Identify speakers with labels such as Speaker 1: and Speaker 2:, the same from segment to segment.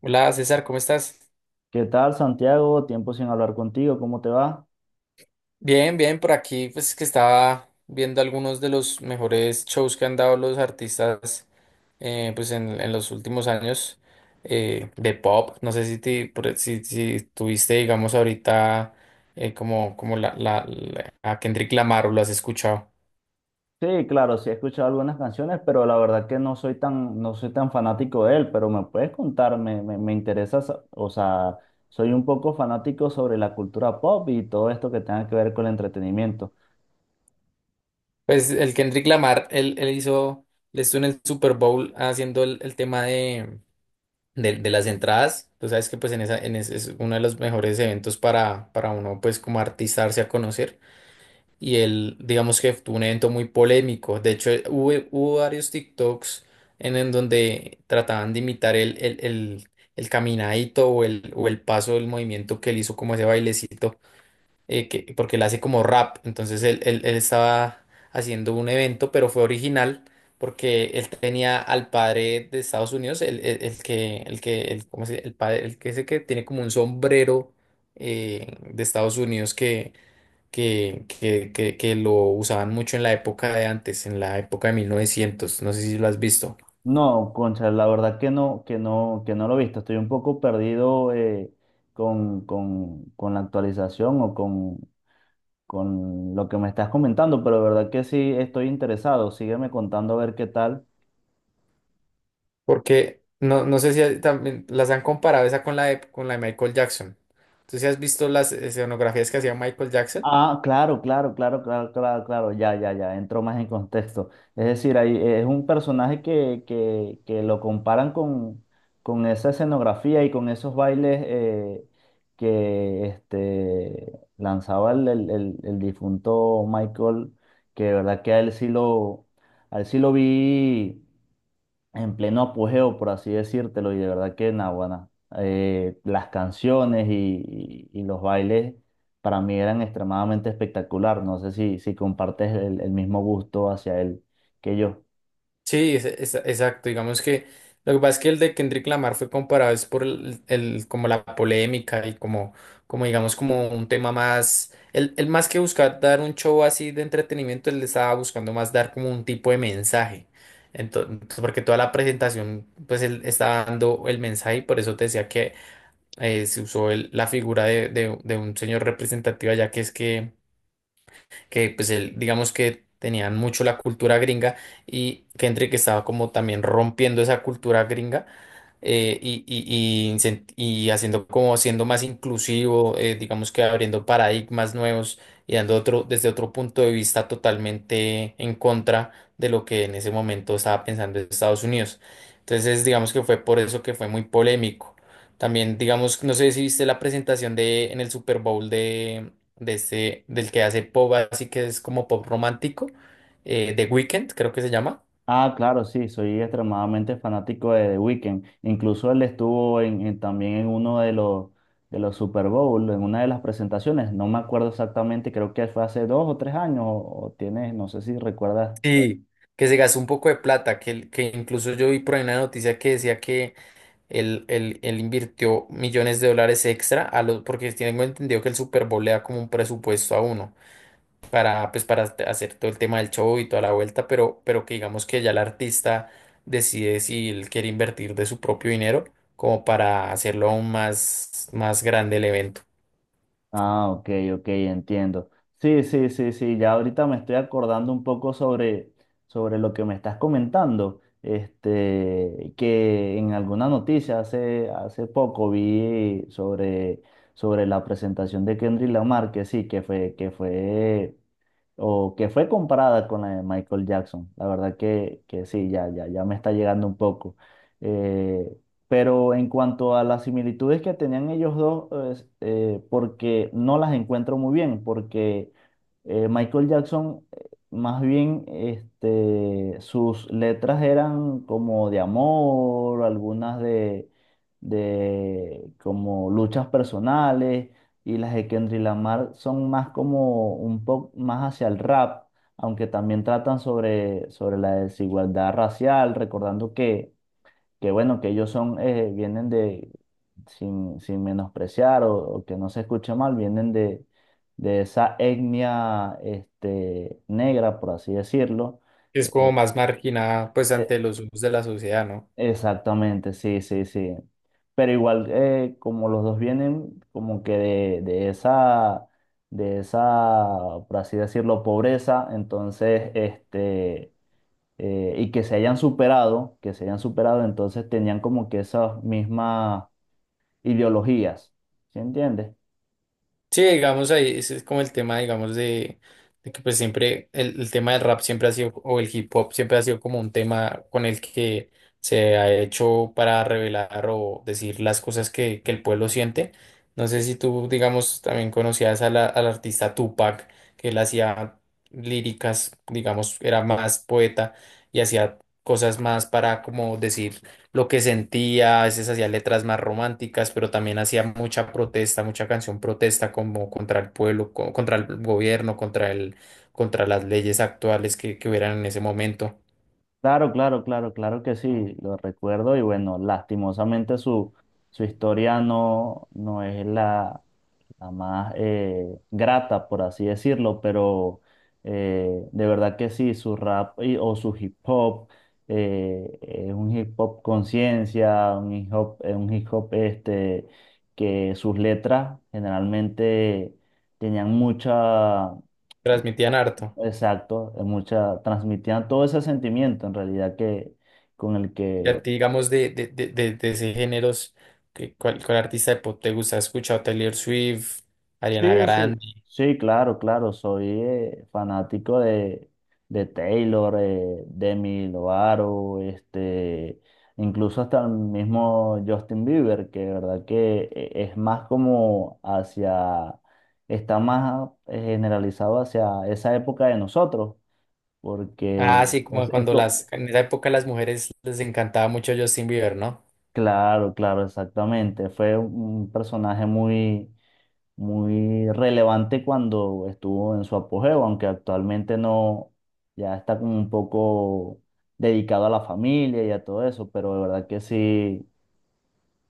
Speaker 1: Hola César, ¿cómo estás?
Speaker 2: ¿Qué tal, Santiago? Tiempo sin hablar contigo, ¿cómo te va?
Speaker 1: Bien, bien, por aquí pues que estaba viendo algunos de los mejores shows que han dado los artistas pues en los últimos años de pop. No sé si, te, por- e, si, si tuviste, digamos, ahorita como, como a Kendrick Lamar o lo has escuchado.
Speaker 2: Sí, claro, sí he escuchado algunas canciones, pero la verdad que no soy tan fanático de él, pero me puedes contar, me interesa, o sea, soy un poco fanático sobre la cultura pop y todo esto que tenga que ver con el entretenimiento.
Speaker 1: Pues el Kendrick Lamar, él hizo, él estuvo en el Super Bowl haciendo el tema de las entradas, tú sabes que pues en esa, en ese es uno de los mejores eventos para uno pues como artistarse a conocer. Y él digamos que tuvo un evento muy polémico, de hecho hubo varios TikToks en donde trataban de imitar el caminadito o el paso del movimiento que él hizo como ese bailecito porque él hace como rap, entonces él estaba haciendo un evento, pero fue original porque él tenía al padre de Estados Unidos, el que, el que, el, ¿cómo se- dice? El padre, el que ese que tiene como un sombrero de Estados Unidos que, que lo usaban mucho en la época de antes, en la época de 1900, no sé si lo has visto,
Speaker 2: No, concha, la verdad que no lo he visto, estoy un poco perdido, con la actualización o con lo que me estás comentando, pero la verdad que sí estoy interesado, sígueme contando a ver qué tal.
Speaker 1: porque no, no sé si hay- también las han comparado esa con la de Michael Jackson. ¿Tú sí has visto las escenografías que hacía Michael Jackson?
Speaker 2: Ah, claro, claro, claro, claro, claro, claro, ya, ya, ya, entró más en contexto. Es decir, ahí, es un personaje que lo comparan con esa escenografía y con esos bailes, que este, lanzaba el difunto Michael, que de verdad que a él sí lo vi en pleno apogeo, por así decírtelo, y de verdad que Naguará, las canciones y los bailes para mí eran extremadamente espectacular. No sé si, si compartes el mismo gusto hacia él que yo.
Speaker 1: Sí, exacto. Digamos que lo que pasa es que el de Kendrick Lamar fue comparado es por como la polémica y como, como digamos como un tema más, el más que buscar dar un show así de entretenimiento, él estaba buscando más dar como un tipo de mensaje. Entonces, porque toda la presentación, pues él estaba dando el mensaje y por eso te decía que se usó el- la figura de un señor representativo, ya que es que pues él, digamos que tenían mucho la cultura gringa y Kendrick estaba como también rompiendo esa cultura gringa, eh, y, y, y haciendo como siendo más inclusivo, digamos que abriendo paradigmas nuevos y dando otro, desde otro punto de vista totalmente en contra de lo que en ese momento estaba pensando Estados Unidos. Entonces, digamos que fue por eso que fue muy polémico. También, digamos, no sé si viste la presentación de en el Super Bowl de este, del que hace pop, así que es como pop romántico, The Weeknd, creo que se llama.
Speaker 2: Ah, claro, sí, soy extremadamente fanático de The Weeknd. Incluso él estuvo también en uno de los Super Bowl, en una de las presentaciones. No me acuerdo exactamente, creo que fue hace dos o tres años, o tienes, no sé si recuerdas.
Speaker 1: Sí, que se gastó un poco de plata, que, el que incluso yo vi por ahí una noticia que decía que él invirtió millones de dólares extra a los, porque tengo entendido que el Super Bowl le da como un presupuesto a uno para, pues, para hacer hacer todo el tema del show y toda la vuelta, pero que digamos que ya el artista decide si él quiere invertir de su propio dinero como para hacerlo aún más, más grande el evento.
Speaker 2: Ah, ok, ok, entiendo. Sí, sí, sí, sí, ya ahorita me estoy acordando un poco sobre, sobre lo que me estás comentando, este, que en alguna noticia hace, hace poco vi sobre, sobre la presentación de Kendrick Lamar, que sí, que fue o que fue comparada con la de Michael Jackson. La verdad que sí, ya, ya, ya me está llegando un poco. Eh, pero en cuanto a las similitudes que tenían ellos dos, es, porque no las encuentro muy bien, porque, Michael Jackson, más bien, este, sus letras eran como de amor, algunas de como luchas personales, y las de Kendrick Lamar son más como un poco más hacia el rap, aunque también tratan sobre, sobre la desigualdad racial, recordando que bueno, que ellos son, vienen de, sin, sin menospreciar o que no se escuche mal, vienen de esa etnia este, negra, por así decirlo.
Speaker 1: Es como
Speaker 2: Eh,
Speaker 1: más marginada pues
Speaker 2: eh,
Speaker 1: ante los ojos de la sociedad, ¿no?
Speaker 2: Exactamente, sí, sí, sí. Pero igual, como los dos vienen como que de esa, por así decirlo, pobreza, entonces, este, y que se hayan superado, que se hayan superado, entonces tenían como que esas mismas ideologías, ¿sí entiendes?
Speaker 1: Sí, digamos ahí, ese es como el tema, digamos, de que pues siempre el tema del rap siempre ha sido, o el hip hop siempre ha sido como un tema con el que se ha hecho para revelar o decir las cosas que el pueblo siente. No sé si tú, digamos, también conocías a la- al artista Tupac, que él hacía líricas, digamos, era más poeta y hacía cosas más para como decir lo que sentía, a veces hacía letras más románticas, pero también hacía mucha protesta, mucha canción protesta como contra el pueblo, co- contra el gobierno, contra el, contra las leyes actuales que hubieran en ese momento.
Speaker 2: Claro, claro, claro, claro que sí, lo recuerdo y bueno, lastimosamente su, su historia no, no es la la más, grata, por así decirlo, pero, de verdad que sí, su rap o su hip hop, es un hip hop conciencia, un hip hop este, que sus letras generalmente tenían mucha,
Speaker 1: Transmitían harto.
Speaker 2: exacto, mucha, transmitían todo ese sentimiento en realidad que con el
Speaker 1: Y a
Speaker 2: que.
Speaker 1: ti, digamos, de ese géneros, ¿qué- ¿cuál, cuál artista de pop te gusta? ¿Has escuchado Taylor Swift, Ariana
Speaker 2: Sí, sí,
Speaker 1: Grande?
Speaker 2: sí, claro, claro. Soy, fanático de Taylor, Demi Lovato, este, incluso hasta el mismo Justin Bieber, que de verdad que, es más como hacia, está más, generalizado hacia esa época de nosotros, porque
Speaker 1: Ah, sí,
Speaker 2: es,
Speaker 1: como cuando las, en esa época las mujeres les encantaba mucho Justin Bieber, ¿no?
Speaker 2: claro, claro, exactamente. Fue un personaje muy muy relevante cuando estuvo en su apogeo, aunque actualmente no, ya está como un poco dedicado a la familia y a todo eso, pero de verdad que sí,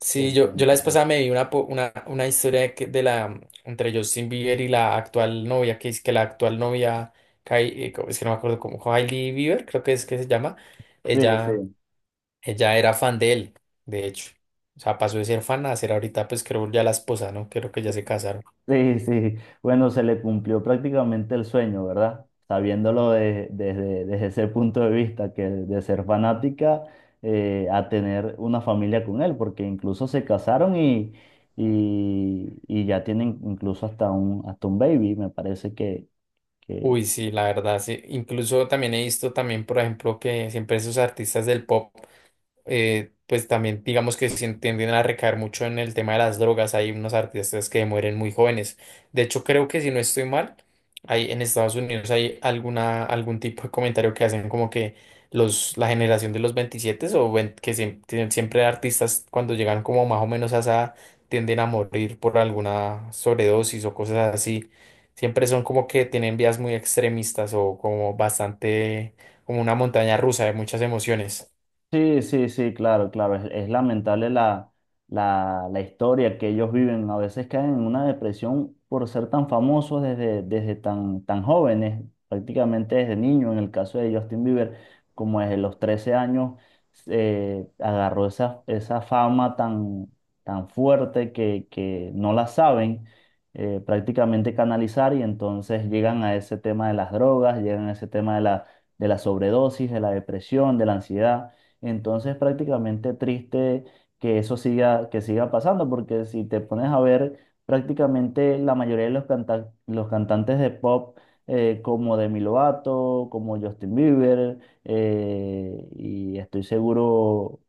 Speaker 1: Sí,
Speaker 2: sí, sí,
Speaker 1: yo la vez
Speaker 2: importante.
Speaker 1: pasada me vi una, po- una historia de, que- de la, entre Justin Bieber y la actual novia, que es que la actual novia, Kai- co- es que no me acuerdo cómo, Hailey Bieber, creo que es que se llama,
Speaker 2: Sí,
Speaker 1: ella,
Speaker 2: sí.
Speaker 1: ella era fan de él, de hecho. O sea, pasó de ser fan a ser ahorita, pues creo ya la esposa, ¿no? Creo que ya se casaron.
Speaker 2: Sí, sí, bueno, se le cumplió prácticamente el sueño, ¿verdad? Sabiéndolo desde, desde ese punto de vista, que de ser fanática, a tener una familia con él, porque incluso se casaron y ya tienen incluso hasta un baby, me parece que, que.
Speaker 1: Uy, sí, la verdad, sí. Incluso también he visto también, por ejemplo, que siempre esos artistas del pop. Pues también digamos que se tienden a recaer mucho en el tema de las drogas. Hay unos artistas que mueren muy jóvenes. De hecho, creo que si no estoy mal, hay, en Estados Unidos hay alguna, algún tipo de comentario que hacen como que los, la generación de los 27 o vein- que se tienen siempre artistas cuando llegan como más o menos a esa edad, tienden a morir por alguna sobredosis o cosas así. Siempre son como que tienen vías muy extremistas o como bastante, como una montaña rusa de muchas emociones.
Speaker 2: Sí, sí, sí, claro, claro. Es lamentable la, la, la historia que ellos viven. A veces caen en una depresión por ser tan famosos desde, desde tan, tan jóvenes, prácticamente desde niños. En el caso de Justin Bieber, como desde los 13 años, agarró esa, esa fama tan, tan fuerte que no la saben, prácticamente canalizar y entonces llegan a ese tema de las drogas, llegan a ese tema de la sobredosis, de la depresión, de la ansiedad. Entonces, prácticamente triste que eso siga, que siga pasando, porque si te pones a ver, prácticamente la mayoría de los, los cantantes de pop, como Demi Lovato, como Justin Bieber, y estoy seguro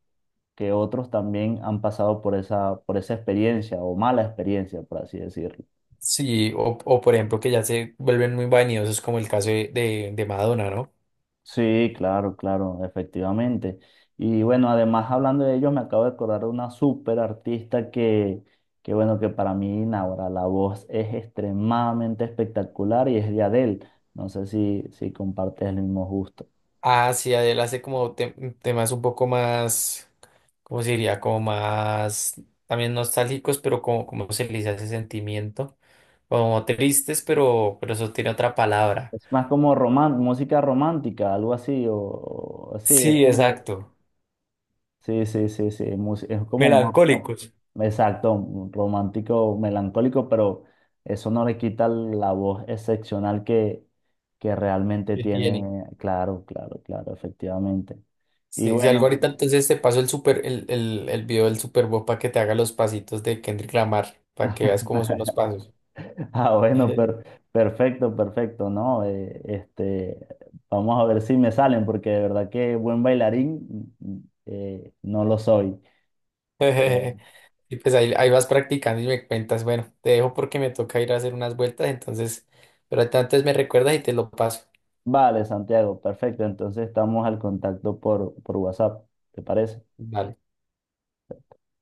Speaker 2: que otros también han pasado por esa experiencia o mala experiencia, por así decirlo.
Speaker 1: Sí, o por ejemplo que ya se vuelven muy vanidosos como el caso de Madonna, ¿no?
Speaker 2: Sí, claro, claro, efectivamente. Y bueno, además hablando de ellos, me acabo de acordar de una súper artista que bueno, que para mí, ahora la voz es extremadamente espectacular y es de Adele. No sé si, si compartes el mismo gusto.
Speaker 1: Ah, sí, él hace como te- temas un poco más, ¿cómo se diría? Como más también nostálgicos, pero como, como se le dice a ese sentimiento, como tristes, pero eso tiene otra palabra.
Speaker 2: Es más como música romántica, algo así, o así, es
Speaker 1: Sí,
Speaker 2: como...
Speaker 1: exacto.
Speaker 2: Sí, sí, sí, sí. Es como más, no,
Speaker 1: Melancólicos.
Speaker 2: exacto, un romántico, melancólico, pero eso no le quita la voz excepcional que realmente
Speaker 1: Que tiene.
Speaker 2: tiene. Claro, claro, claro, efectivamente. Y
Speaker 1: Sí, si algo
Speaker 2: bueno,
Speaker 1: ahorita entonces te paso el super, el video del Super Bowl para que te haga los pasitos de Kendrick Lamar, para que veas cómo son los pasos.
Speaker 2: ah, bueno, perfecto, perfecto, ¿no? Este, vamos a ver si me salen, porque de verdad que buen bailarín, mm, no lo soy.
Speaker 1: Y pues ahí, ahí vas practicando y me cuentas, bueno, te dejo porque me toca ir a hacer unas vueltas, entonces, pero antes me recuerdas y te lo paso.
Speaker 2: Vale, Santiago, perfecto. Entonces estamos al contacto por WhatsApp, ¿te parece?
Speaker 1: Vale.